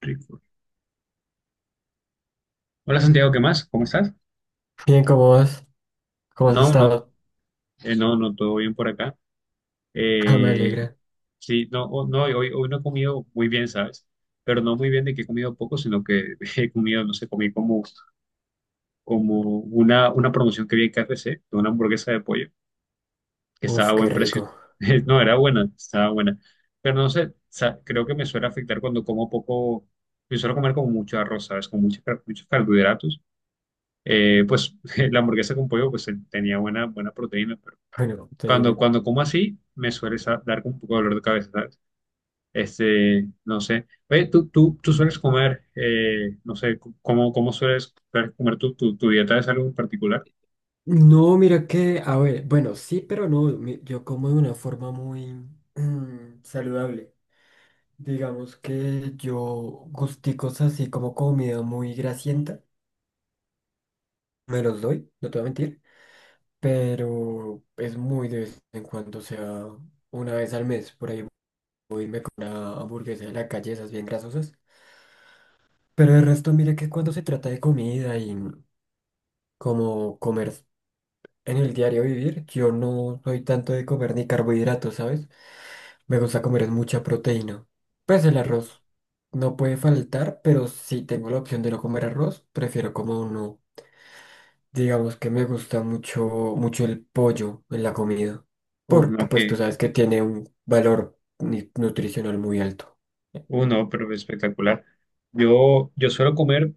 Rico. Hola Santiago, ¿qué más? ¿Cómo estás? Bien, ¿cómo vas? ¿Cómo has No, no, estado? No, no, todo bien por acá. Ah, me Eh, alegra. sí, no, no, hoy no he comido muy bien, ¿sabes? Pero no muy bien de que he comido poco, sino que he comido, no sé, comí como una promoción que vi en KFC de una hamburguesa de pollo, que estaba Uf, a qué buen precio. rico. No, era buena, estaba buena. Pero no sé, creo que me suele afectar cuando como poco. Yo suelo comer como mucho arroz, ¿sabes? Con muchos carbohidratos. Pues la hamburguesa con pollo pues tenía buena proteína. Bueno, te Cuando, dime. cuando como así, me suele dar un poco de dolor de cabeza, ¿sabes? Este, no sé. Oye, tú sueles comer, no sé, ¿cómo sueles comer tu dieta? ¿Es algo en particular? No, mira que, a ver, bueno, sí, pero no, yo como de una forma muy saludable. Digamos que yo gusticos así como comida muy grasienta, me los doy, no te voy a mentir, pero es muy de vez en cuando, o sea, una vez al mes, por ahí una hamburguesa de la calle, esas bien grasosas. Pero el resto, mira que cuando se trata de comida y como comer en el diario vivir, yo no soy tanto de comer ni carbohidratos, ¿sabes? Me gusta comer es mucha proteína. Pues el arroz no puede faltar, pero si tengo la opción de no comer arroz, prefiero como uno. Digamos que me gusta mucho, mucho el pollo en la comida, Uf, porque no, pues tú que, sabes que tiene un valor nutricional muy alto. No, pero espectacular. Yo suelo comer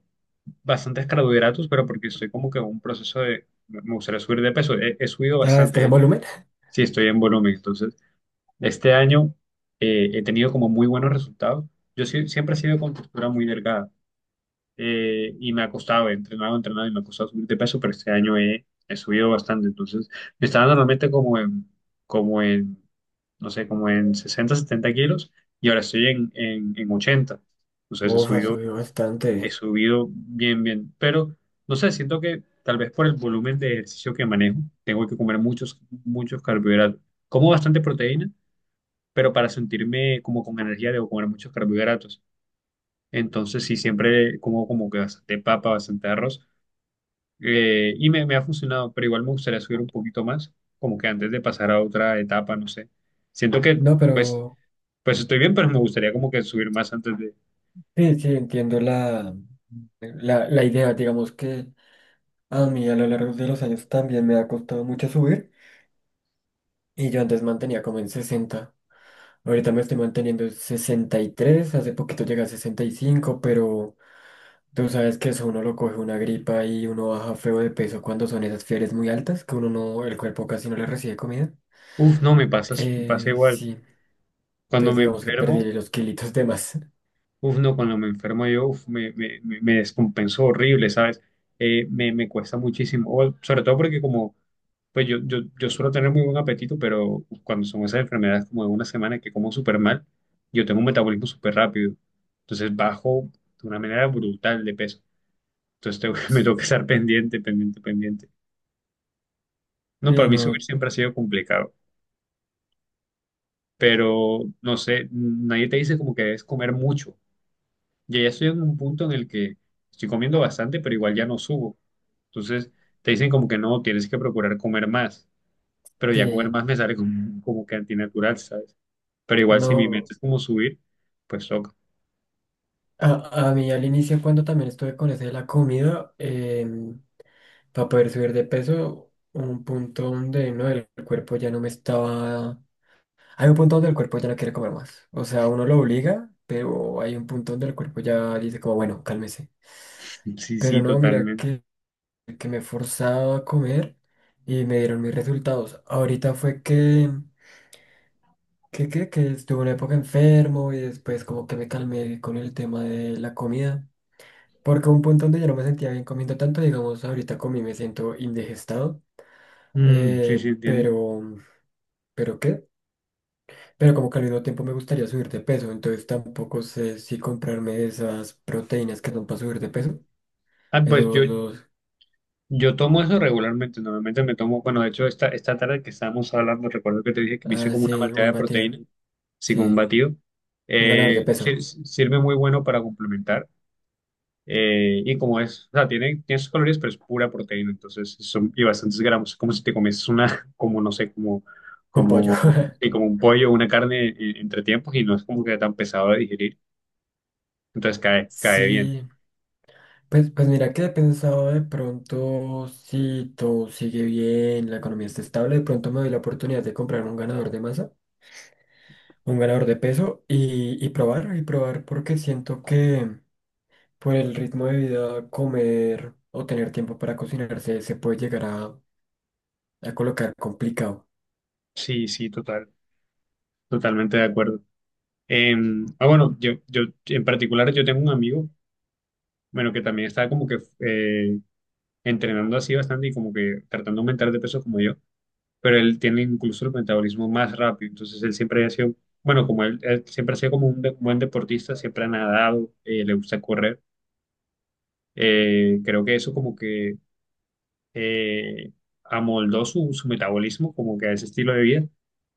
bastantes carbohidratos, pero porque estoy como que en un proceso de, me gustaría subir de peso. He subido Ah, bastante, ¿estás de en hecho. volumen? Sí, estoy en volumen. Entonces, este año he tenido como muy buenos resultados. Yo siempre he sido con textura muy delgada. Y me ha costado, he entrenado y me ha costado subir de peso, pero este año he subido bastante. Entonces, me estaba normalmente como en, no sé, como en 60-70 kilos, y ahora estoy en, en 80. Entonces, he Uf, ha subido, subido he bastante. subido bien, bien. Pero no sé, siento que tal vez por el volumen de ejercicio que manejo, tengo que comer muchos carbohidratos. Como bastante proteína, pero para sentirme como con energía debo comer muchos carbohidratos. Entonces, sí, siempre como como que bastante papa, bastante arroz. Y me ha funcionado, pero igual me gustaría subir un poquito más, como que antes de pasar a otra etapa, no sé. Siento que, No, pues, pero pues estoy bien, pero me gustaría como que subir más antes de... sí, sí, entiendo la idea, digamos que... A mí a lo largo de los años también me ha costado mucho subir y yo antes mantenía como en 60. Ahorita me estoy manteniendo en 63. Hace poquito llegué a 65, pero tú sabes que eso uno lo coge una gripa y uno baja feo de peso cuando son esas fiebres muy altas que uno no, el cuerpo casi no le recibe comida. Uf, no, me pasa igual. Sí, Cuando entonces me digamos que enfermo, perdí los kilitos de más. uf, no, cuando me enfermo yo, uf, me descompenso horrible, ¿sabes? Me cuesta muchísimo, sobre todo porque como. Pues yo suelo tener muy buen apetito, pero cuando son esas enfermedades como de una semana que como súper mal, yo tengo un metabolismo súper rápido. Entonces bajo de una manera brutal de peso. Entonces me tengo que estar pendiente, pendiente, pendiente. No, para Sí, mí subir no, siempre ha sido complicado. Pero no sé, nadie te dice como que debes comer mucho. Ya estoy en un punto en el que estoy comiendo bastante, pero igual ya no subo. Entonces te dicen como que no, tienes que procurar comer más. Pero ya comer sí, más me sale como que antinatural, ¿sabes? Pero igual si mi meta no. es como subir, pues toca. A mí al inicio cuando también estuve con ese de la comida, para poder subir de peso, un punto donde no, el cuerpo ya no me estaba... Hay un punto donde el cuerpo ya no quiere comer más. O sea, uno lo obliga, pero hay un punto donde el cuerpo ya dice como, bueno, cálmese. Sí, sí, Pero no, mira totalmente. que, me forzaba a comer y me dieron mis resultados. Ahorita fue que, estuve una época enfermo y después como que me calmé con el tema de la comida. Porque hubo un punto donde yo no me sentía bien comiendo tanto, digamos, ahorita comí, me siento indigestado. Mm, sí, sí, entiendo. Pero pero qué, pero como que al mismo tiempo me gustaría subir de peso, entonces tampoco sé si comprarme esas proteínas que son para subir de peso. Ah, pues yo, Eso los, yo tomo eso regularmente. Normalmente me tomo, bueno, de hecho esta tarde que estábamos hablando, recuerdo que te dije que me hice ah, como una sí, malteada un de batido, proteína, así como un sí, batido. un ganador de peso, Sirve muy bueno para complementar. Y como es, o sea, tiene sus calorías, pero es pura proteína, entonces son y bastantes gramos, como si te comes una, como no sé, un pollo. Sí, como un pollo o una carne, entre tiempos, y no es como que tan pesado de digerir. Entonces cae bien. Sí, pues mira que he pensado de pronto, si todo sigue bien, la economía está estable, de pronto me doy la oportunidad de comprar un ganador de masa, un ganador de peso y, probar, y probar porque siento que por el ritmo de vida, comer o tener tiempo para cocinarse se puede llegar a colocar complicado. Sí, sí, totalmente de acuerdo. Eh, ah, bueno, yo en particular yo tengo un amigo, bueno, que también está como que entrenando así bastante y como que tratando de aumentar de peso como yo. Pero él tiene incluso el metabolismo más rápido. Entonces él siempre ha sido, bueno, como él siempre ha sido como un buen deportista, siempre ha nadado, le gusta correr. Creo que eso como que eh, amoldó su metabolismo como que a ese estilo de vida,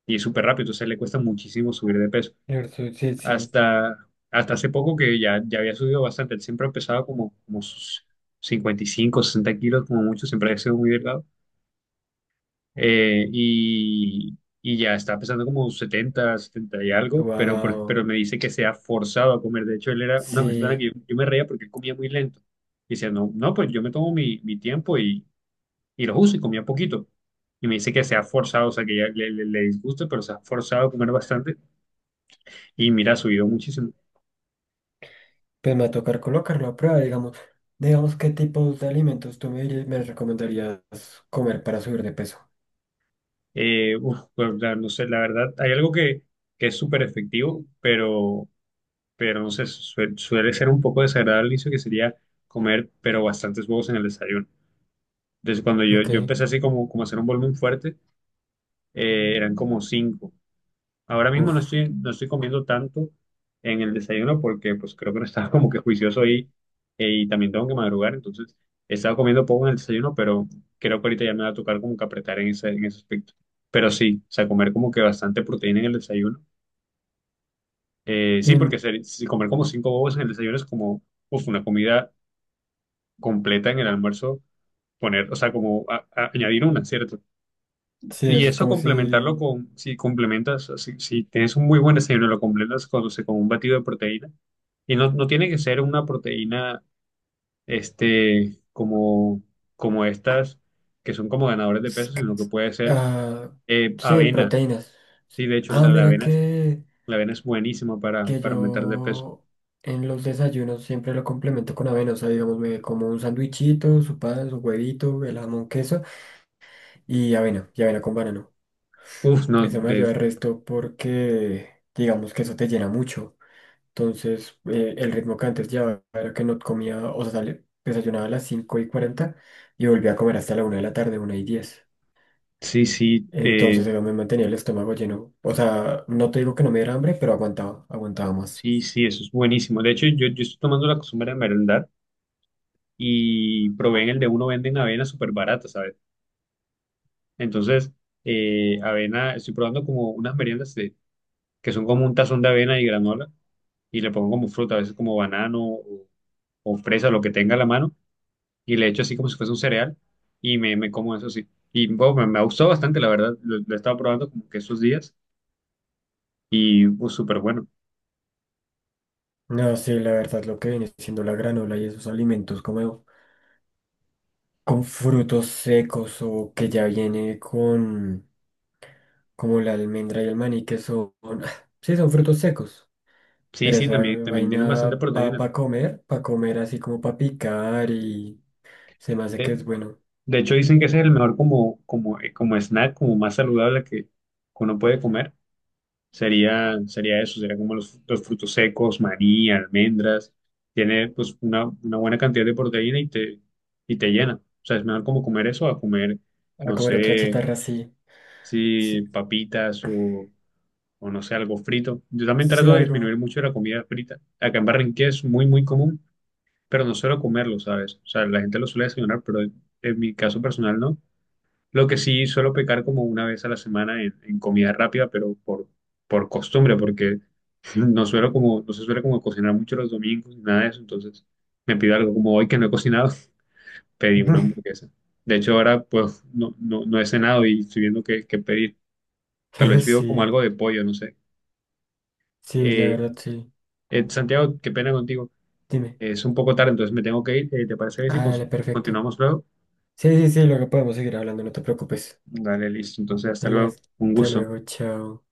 y es súper rápido. Entonces le cuesta muchísimo subir de peso. ¿Cierto? Sí, sí. Hasta hace poco que ya había subido bastante, él siempre ha pesado como sus 55, 60 kilos como mucho. Siempre ha sido muy delgado. Y y, ya está pesando como 70 70 y algo, pero, por- Wow. pero me dice que se ha forzado a comer. De hecho, él era una persona Sí, que yo me reía porque él comía muy lento. Y decía, no, no, pues yo me tomo mi tiempo y los uso y comía poquito. Y me dice que se ha forzado, o sea, que ya le disgusta, pero se ha forzado a comer bastante. Y mira, ha subido muchísimo. pues me va a tocar colocarlo a prueba, digamos. Digamos, ¿qué tipos de alimentos tú me recomendarías comer para subir de peso? Uf, pues, no sé, la verdad, hay algo que es súper efectivo, pero no sé, suele ser un poco desagradable al inicio que sería comer, pero bastantes huevos en el desayuno. Entonces, cuando yo, Ok. yo empecé así como a hacer un volumen fuerte, eran como cinco. Ahora mismo no Uf. estoy, no estoy comiendo tanto en el desayuno porque pues creo que no estaba como que juicioso, y también tengo que madrugar. Entonces he estado comiendo poco en el desayuno, pero creo que ahorita ya me va a tocar como que apretar en ese aspecto. Pero sí, o sea, comer como que bastante proteína en el desayuno. Sí, Sí, porque si comer como cinco huevos en el desayuno es como, uf, una comida completa en el almuerzo poner, o sea, como añadir una, ¿cierto? sí, Y eso es eso como complementarlo si... con, si complementas, si tienes un muy buen desayuno, lo completas con, o sea, con un batido de proteína. Y no, no tiene que ser una proteína, este, como estas, que son como ganadores de es peso, que- sino que puede ser Ah, sí, avena. proteínas. Sí, de hecho, Ah, la, la mira avena es, que... la avena es buenísima para, que para aumentar de peso. yo en los desayunos siempre lo complemento con avena. O sea, digamos, me como un sandwichito, su pan, su huevito, el jamón, queso y avena con banano. Uf, no, Eso me de, ayuda el resto porque, digamos que eso te llena mucho. Entonces, el ritmo que antes llevaba era que no comía, o sea, desayunaba a las 5:40 y volvía a comer hasta la una de la tarde, 1:10. sí, sí, Entonces, eso me mantenía el estómago lleno. O sea, no te digo que no me diera hambre, pero aguantaba, aguantaba más. sí, sí, eso es buenísimo. De hecho, yo estoy tomando la costumbre de merendar, y proveen el de uno, venden avena súper barata, ¿sabes? Entonces, avena, estoy probando como unas meriendas que son como un tazón de avena y granola, y le pongo como fruta, a veces como banano o fresa, lo que tenga a la mano, y le echo así como si fuese un cereal, y me como eso así. Y bueno, me ha gustado bastante, la verdad, lo he estado probando como que esos días, y pues súper bueno. No, sí, la verdad, lo que viene siendo la granola y esos alimentos como con frutos secos o que ya viene con como la almendra y el maní, que son, sí, son frutos secos, Sí, pero sí, esa también tienen bastante vaina proteína. Para comer así como para picar y se me hace que De, es bueno. de hecho, dicen que ese es el mejor como snack, como más saludable que uno puede comer. Sería eso, sería como los frutos secos, maní, almendras. Tiene pues una buena cantidad de proteína y te llena. O sea, es mejor como comer eso a comer, A no comer otra sé, chatarra, sí, si sí, papitas o no sé, algo frito. Yo también sí, trato de algo. disminuir mucho la comida frita. Acá en Barranquilla es muy, muy común, pero no suelo comerlo, ¿sabes? O sea, la gente lo suele desayunar, pero en mi caso personal no. Lo que sí suelo pecar como una vez a la semana en comida rápida, pero por costumbre, porque no suelo como, no se suele como cocinar mucho los domingos, nada de eso. Entonces me pido algo como hoy que no he cocinado, pedí una hamburguesa. De hecho, ahora pues no he cenado y estoy viendo qué pedir. Tal vez pido como Sí, algo de pollo, no sé. sí, la Eh, verdad, sí. Santiago, qué pena contigo. Dime. Es un poco tarde, entonces me tengo que ir. ¿Te parece bien si Ah, con- si dale, perfecto. continuamos luego? Sí, sí, sí, luego podemos seguir hablando, no te preocupes. Dale, listo. Entonces, hasta Hasta luego. Un hasta gusto. luego, chao.